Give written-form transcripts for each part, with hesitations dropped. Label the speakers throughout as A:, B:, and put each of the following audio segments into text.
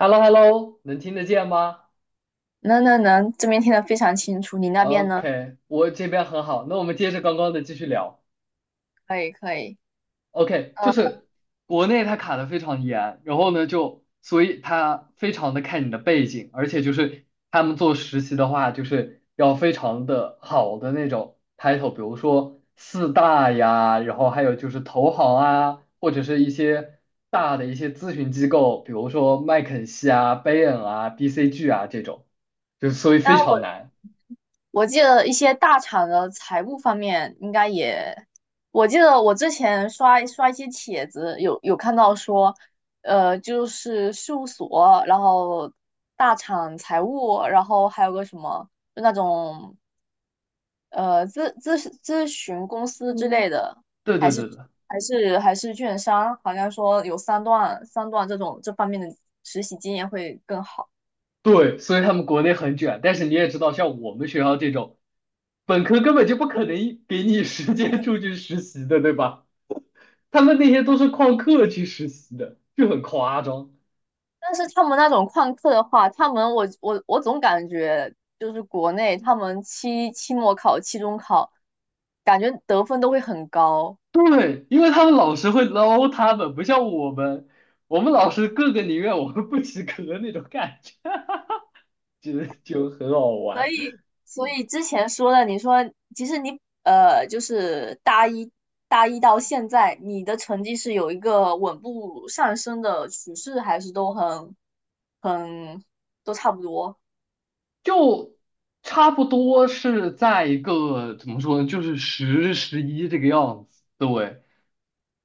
A: h e l l o h e l l o 能听得见吗
B: 能能能，这边听得非常清楚。你那边呢？
A: ？OK，我这边很好。那我们接着刚刚的继续聊。
B: 可以可以。
A: OK，就
B: 呃，
A: 是国内它卡的非常严，然后呢就所以它非常的看你的背景，而且就是他们做实习的话，就是要非常的好的那种 title，比如说四大呀，然后还有就是投行啊，或者是一些大的一些咨询机构，比如说麦肯锡啊、Bain 啊、BCG 啊这种，就是所以非
B: 那
A: 常
B: 我
A: 难。
B: 我记得一些大厂的财务方面应该也，我记得我之前刷一些帖子，有看到说，就是事务所，然后大厂财务，然后还有个什么，就那种呃咨咨咨询公司之类的，
A: 对
B: 还
A: 对
B: 是
A: 对对
B: 还是券商，好像说有三段这种这方面的实习经验会更好。
A: 对，所以他们国内很卷，但是你也知道，像我们学校这种，本科根本就不可能给你 时间出去实习的，对吧？他们那些都是旷课去实习的，就很夸张。
B: 但是他们那种旷课的话，他们我总感觉就是国内他们期末考、期中考，感觉得分都会很高。
A: 对，因为他们老师会捞他们，不像我们，我们老师个个宁愿我们不及格那种感觉，就很好
B: 所
A: 玩。
B: 以所以之前说的，你说其实你就是大一到现在，你的成绩是有一个稳步上升的趋势，还是都很都差不多？
A: 就差不多是在一个怎么说呢，就是十十一这个样子。对，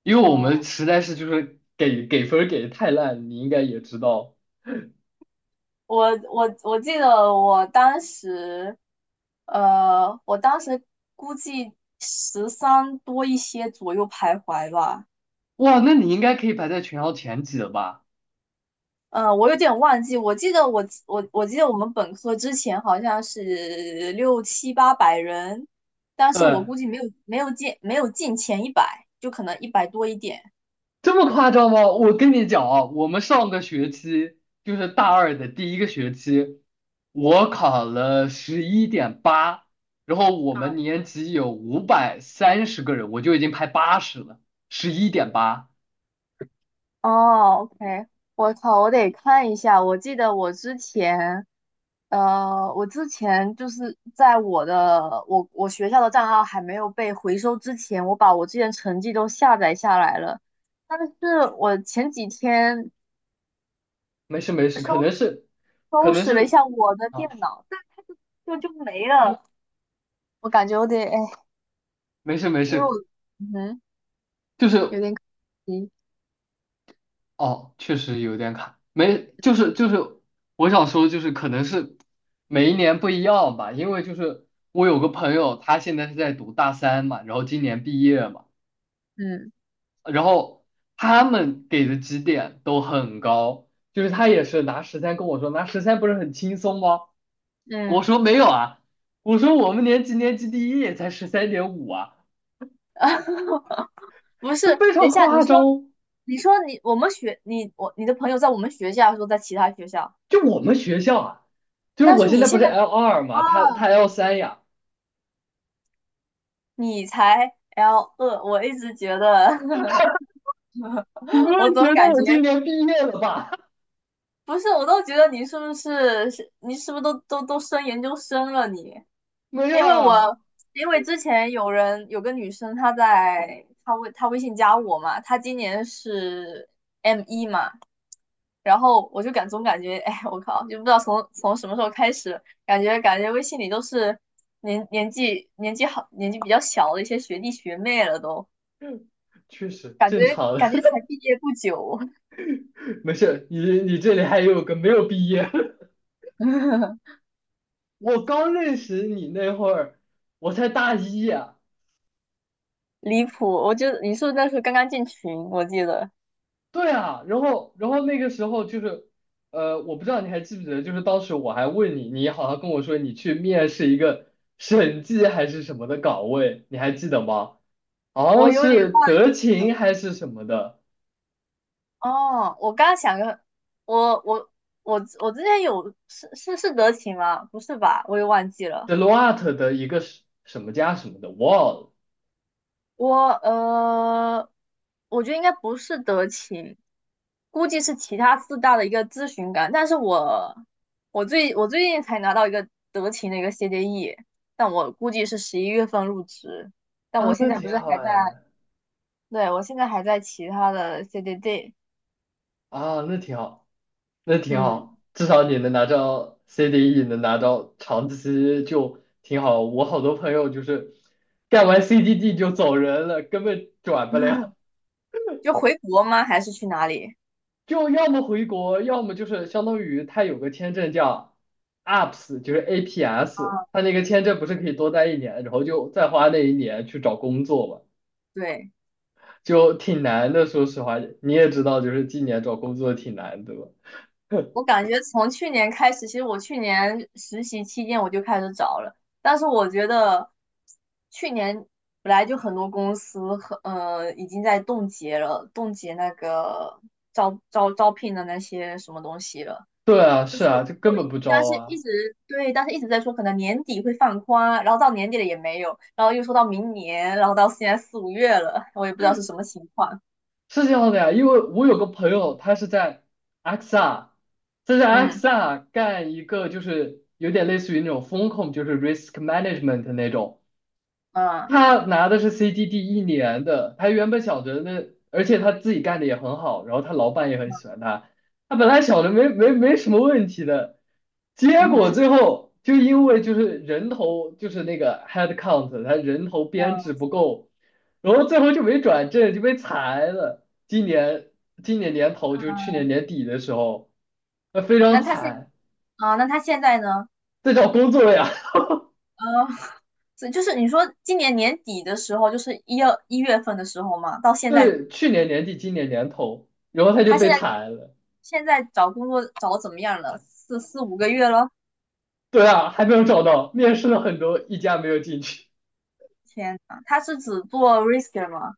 A: 因为我
B: 嗯，
A: 们实在是就是给分儿给的太烂，你应该也知道。
B: 我记得我当时，我当时估计十三多一些左右徘徊吧。
A: 哇，那你应该可以排在全校前几了吧？
B: 嗯,我有点忘记，我记得我们本科之前好像是六七八百人，但是我
A: 对。
B: 估计没有进前一百，就可能一百多一点。
A: 这么夸张吗？我跟你讲啊，我们上个学期就是大二的第一个学期，我考了十一点八，然后我们年级有530个人，我就已经排80了，十一点八，
B: 哦，OK,我靠，我得看一下。我记得我之前就是在我学校的账号还没有被回收之前，我把我之前成绩都下载下来了。但是我前几天
A: 没事没事，可
B: 收
A: 能是，可
B: 收
A: 能
B: 拾了一
A: 是
B: 下我的电
A: 啊，
B: 脑，但就没了。我感觉有点，哎，
A: 没事没
B: 因为我，
A: 事，
B: 嗯哼，
A: 就是
B: 有点可惜，
A: 哦，确实有点卡，没，就是，我想说就是可能是每一年不一样吧，因为就是我有个朋友，他现在是在读大三嘛，然后今年毕业嘛，
B: 嗯
A: 然后他们给的绩点都很高，就是他也是拿十三跟我说，拿十三不是很轻松吗？我
B: 嗯。
A: 说没有啊，我说我们年级第一也才13.5啊，
B: 不是，
A: 就非
B: 等一
A: 常
B: 下，你
A: 夸张，
B: 说，你说你的朋友在我们学校说在其他学校，
A: 就我们学校啊。就是
B: 但
A: 我
B: 是
A: 现
B: 你
A: 在不
B: 现
A: 是
B: 在
A: L 二嘛，他
B: 啊，
A: L 三呀，
B: 你才 L2，我一直觉得，
A: 你不会
B: 我总
A: 觉得
B: 感
A: 我
B: 觉
A: 今年毕业了吧？
B: 不是，我都觉得你是不是都升研究生了你？
A: 没有
B: 因为
A: 啊，
B: 之前有个女生她微信加我嘛，她今年是 M1嘛，然后我就总感觉，哎，我靠，就不知道从什么时候开始，感觉微信里都是年纪比较小的一些学弟学妹了都，
A: 确实
B: 感
A: 正
B: 觉
A: 常的，
B: 感觉才毕业不久，
A: 没事。你这里还有个没有毕业，我刚认识你那会儿，我才大一啊。
B: 离谱！你是不是那时候刚刚进群？
A: 对啊，然后那个时候就是，我不知道你还记不记得，就是当时我还问你，你好像跟我说你去面试一个审计还是什么的岗位，你还记得吗？好
B: 我
A: 像
B: 有点
A: 是
B: 忘
A: 德
B: 记了。
A: 勤还是什么的
B: 哦，我刚刚想个，我我我之前有是是是德勤吗？不是吧？我也忘记了。
A: ，Deloitte 的一个什么家什么的，忘了。
B: 我呃，我觉得应该不是德勤，估计是其他四大的一个咨询岗。但是我最近才拿到一个德勤的一个 CDE,但我估计是十一月份入职。但
A: 啊，
B: 我现
A: 那
B: 在不
A: 挺
B: 是还
A: 好
B: 在，
A: 哎，
B: 对，我现在还在其他的 CDD,
A: 啊，那挺好，那挺
B: 嗯，
A: 好，至少你能拿到 CDE，能拿到长期就挺好。我好多朋友就是干完 CDD 就走人了，根本转不了，
B: 就回国吗？还是去哪里？
A: 就要么回国，要么就是相当于他有个签证叫 APS，就是 APS，他那个签证不是可以多待一年，然后就再花那一年去找工作嘛，
B: 对。
A: 就挺难的。说实话，你也知道，就是今年找工作挺难的吧。
B: 我感觉从去年开始，其实我去年实习期间我就开始找了，但是我觉得去年本来就很多公司和已经在冻结了，冻结那个招聘的那些什么东西了，
A: 对啊，是啊，这根本不招
B: 但是一
A: 啊，
B: 直对，但是一直在说可能年底会放宽，然后到年底了也没有，然后又说到明年，然后到现在四五月了，我也不知道是什么情况。
A: 是这样的呀。因为我有个朋友，他是在 x r 他在
B: 嗯
A: x r 干一个就是有点类似于那种风控，就是 risk management 那种。
B: 嗯
A: 他拿的是 CDD 一年的，他原本想着那，而且他自己干的也很好，然后他老板也很喜欢他，他本来想着没什么问题的，结
B: 嗯哼，
A: 果最后就因为就是人头就是那个 head count，他人头编制不够，然后最后就没转正就被裁了。今年年头就是去年年底的时候，那非常
B: 那他现
A: 惨，
B: 那他现在呢？
A: 在找工作呀，
B: 啊这就是你说今年年底的时候，就是一二一月份的时候嘛，到 现在
A: 对，去年年底今年年头，然后他就
B: 他现
A: 被
B: 在
A: 裁了。
B: 现在找工作找得怎么样了？四五个月了？
A: 对啊，还没有找到，面试了很多，一家没有进去。
B: 天呐，他是只做 risker 吗？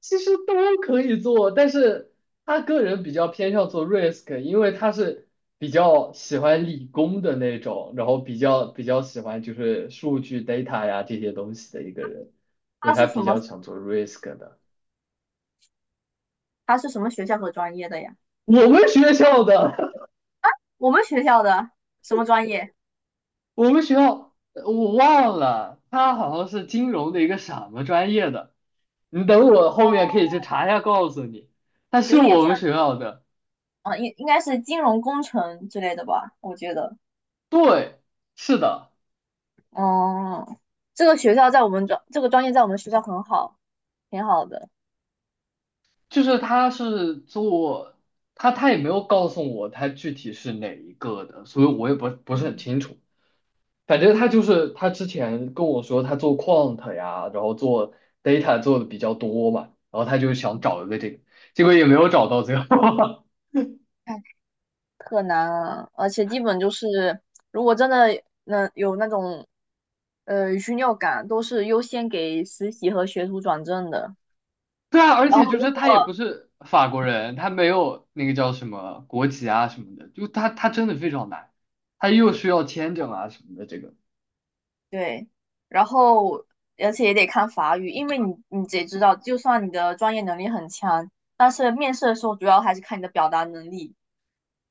A: 其实都可以做，但是他个人比较偏向做 risk，因为他是比较喜欢理工的那种，然后比较喜欢就是数据 data 呀这些东西的一个人，就
B: 他
A: 他
B: 是什
A: 比
B: 么？
A: 较想做 risk 的。
B: 他是什么学校和专业的呀？
A: 我们学校的，
B: 我们学校的什么专业？
A: 我们学校呃我忘了，他好像是金融的一个什么专业的，你等我后面
B: 哦，
A: 可以去查一下告诉你，他是
B: 有点
A: 我
B: 像，
A: 们学校的。
B: 啊，应该是金融工程之类的吧，我觉得。
A: 对，是的，
B: 哦，这个学校在我们专，这个专业在我们学校很好，挺好的。
A: 就是他是做他也没有告诉我他具体是哪一个的，所以我也不是很清楚。反正他就是他之前跟我说他做 quant 呀，然后做 data 做的比较多嘛，然后他就想找一个这个，结果也没有找到最后。
B: 特难啊，而且基本就是，如果真的能有那种虚尿感，都是优先给实习和学徒转正的。
A: 对啊，而
B: 然
A: 且
B: 后
A: 就
B: 如
A: 是他也不
B: 果
A: 是法国人，他没有那个叫什么国籍啊什么的，就他真的非常难，他又需要签证啊什么的，这个
B: 对，然后而且也得看法语，因为你得知道，就算你的专业能力很强，但是面试的时候主要还是看你的表达能力。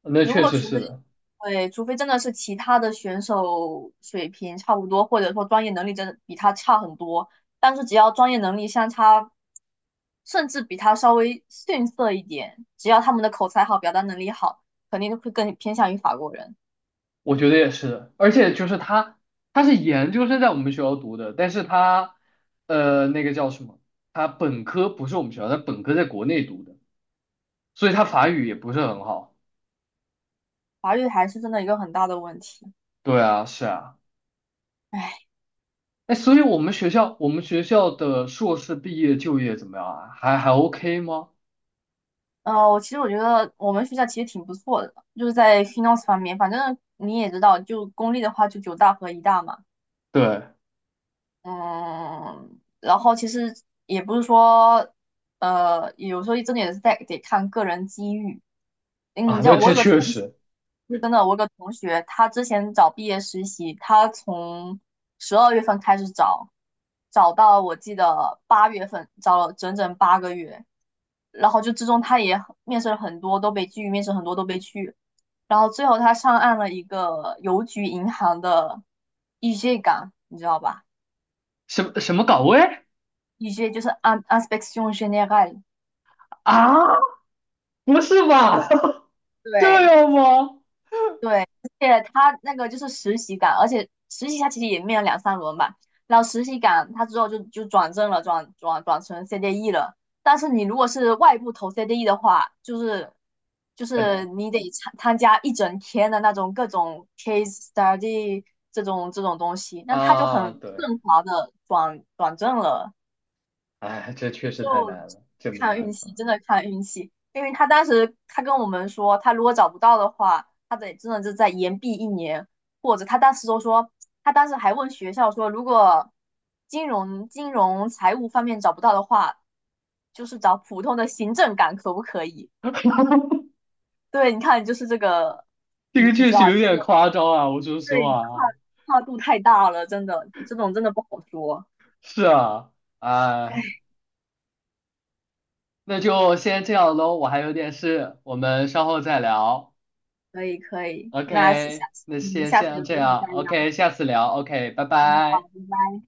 A: 那
B: 如
A: 确
B: 果
A: 实
B: 除
A: 是
B: 非
A: 的。
B: 对，除非真的是其他的选手水平差不多，或者说专业能力真的比他差很多，但是只要专业能力相差，甚至比他稍微逊色一点，只要他们的口才好、表达能力好，肯定会更偏向于法国人。
A: 我觉得也是，而且就是他，他是研究生在我们学校读的，但是他，呃，那个叫什么？他本科不是我们学校，他本科在国内读的，所以他法语也不是很好。
B: 法律还是真的一个很大的问题。
A: 对啊，是啊，
B: 唉，
A: 哎，所以我们学校，我们学校的硕士毕业就业怎么样啊？还 OK 吗？
B: 其实我觉得我们学校其实挺不错的，就是在 finance 方面，反正你也知道，就公立的话就九大和一大嘛。
A: 对
B: 嗯，然后其实也不是说，有时候真的也是在得看个人机遇。嗯，
A: 啊，
B: 你知
A: 那
B: 道我
A: 这
B: 有个
A: 确
B: 同学，
A: 实，
B: 同学他之前找毕业实习，他从十二月份开始找，找到我记得八月份，找了整整8个月。然后就之中他也很面试了很多，都被拒；面试很多都被拒。然后最后他上岸了一个邮局银行的 EJ 岗，你知道吧？
A: 什么什么岗位
B: 一些就是按 n s p e c t i o n g e n e r
A: 啊？不是吧？这
B: 对
A: 样吗？
B: 对，而且他那个就是实习岗，而且实习他其实也面了两三轮吧，然后实习岗他之后就转正了，转成 CDE 了。但是你如果是外部投 CDE 的话，就是就
A: 很
B: 是
A: 难
B: 你得参加一整天的那种各种 case study 这种东西，那他就很
A: 啊，对，
B: 顺滑的转正了。
A: 哎，这确实
B: 就
A: 太难了，这没
B: 看运
A: 办法。
B: 气，真的看运气。因为他当时他跟我们说，他如果找不到的话，他得真的就再延毕一年，或者他当时都说，他当时还问学校说，如果金融财务方面找不到的话，就是找普通的行政岗可不可以？对，你看就是这个，
A: 这
B: 你
A: 个
B: 你
A: 确
B: 知
A: 实
B: 道，
A: 有
B: 就是
A: 点夸张啊，我说实
B: 对
A: 话啊，
B: 跨度太大了，真的这种真的不好说。
A: 是啊，哎，
B: 哎
A: 那就先这样喽，我还有点事，我们稍后再聊。
B: 可以可以，那下下
A: OK，
B: 次
A: 那
B: 嗯
A: 先
B: 下次
A: 先
B: 有
A: 这
B: 机会
A: 样
B: 再聊。
A: ，OK，下次聊，OK，拜
B: 嗯好，
A: 拜。
B: 拜拜。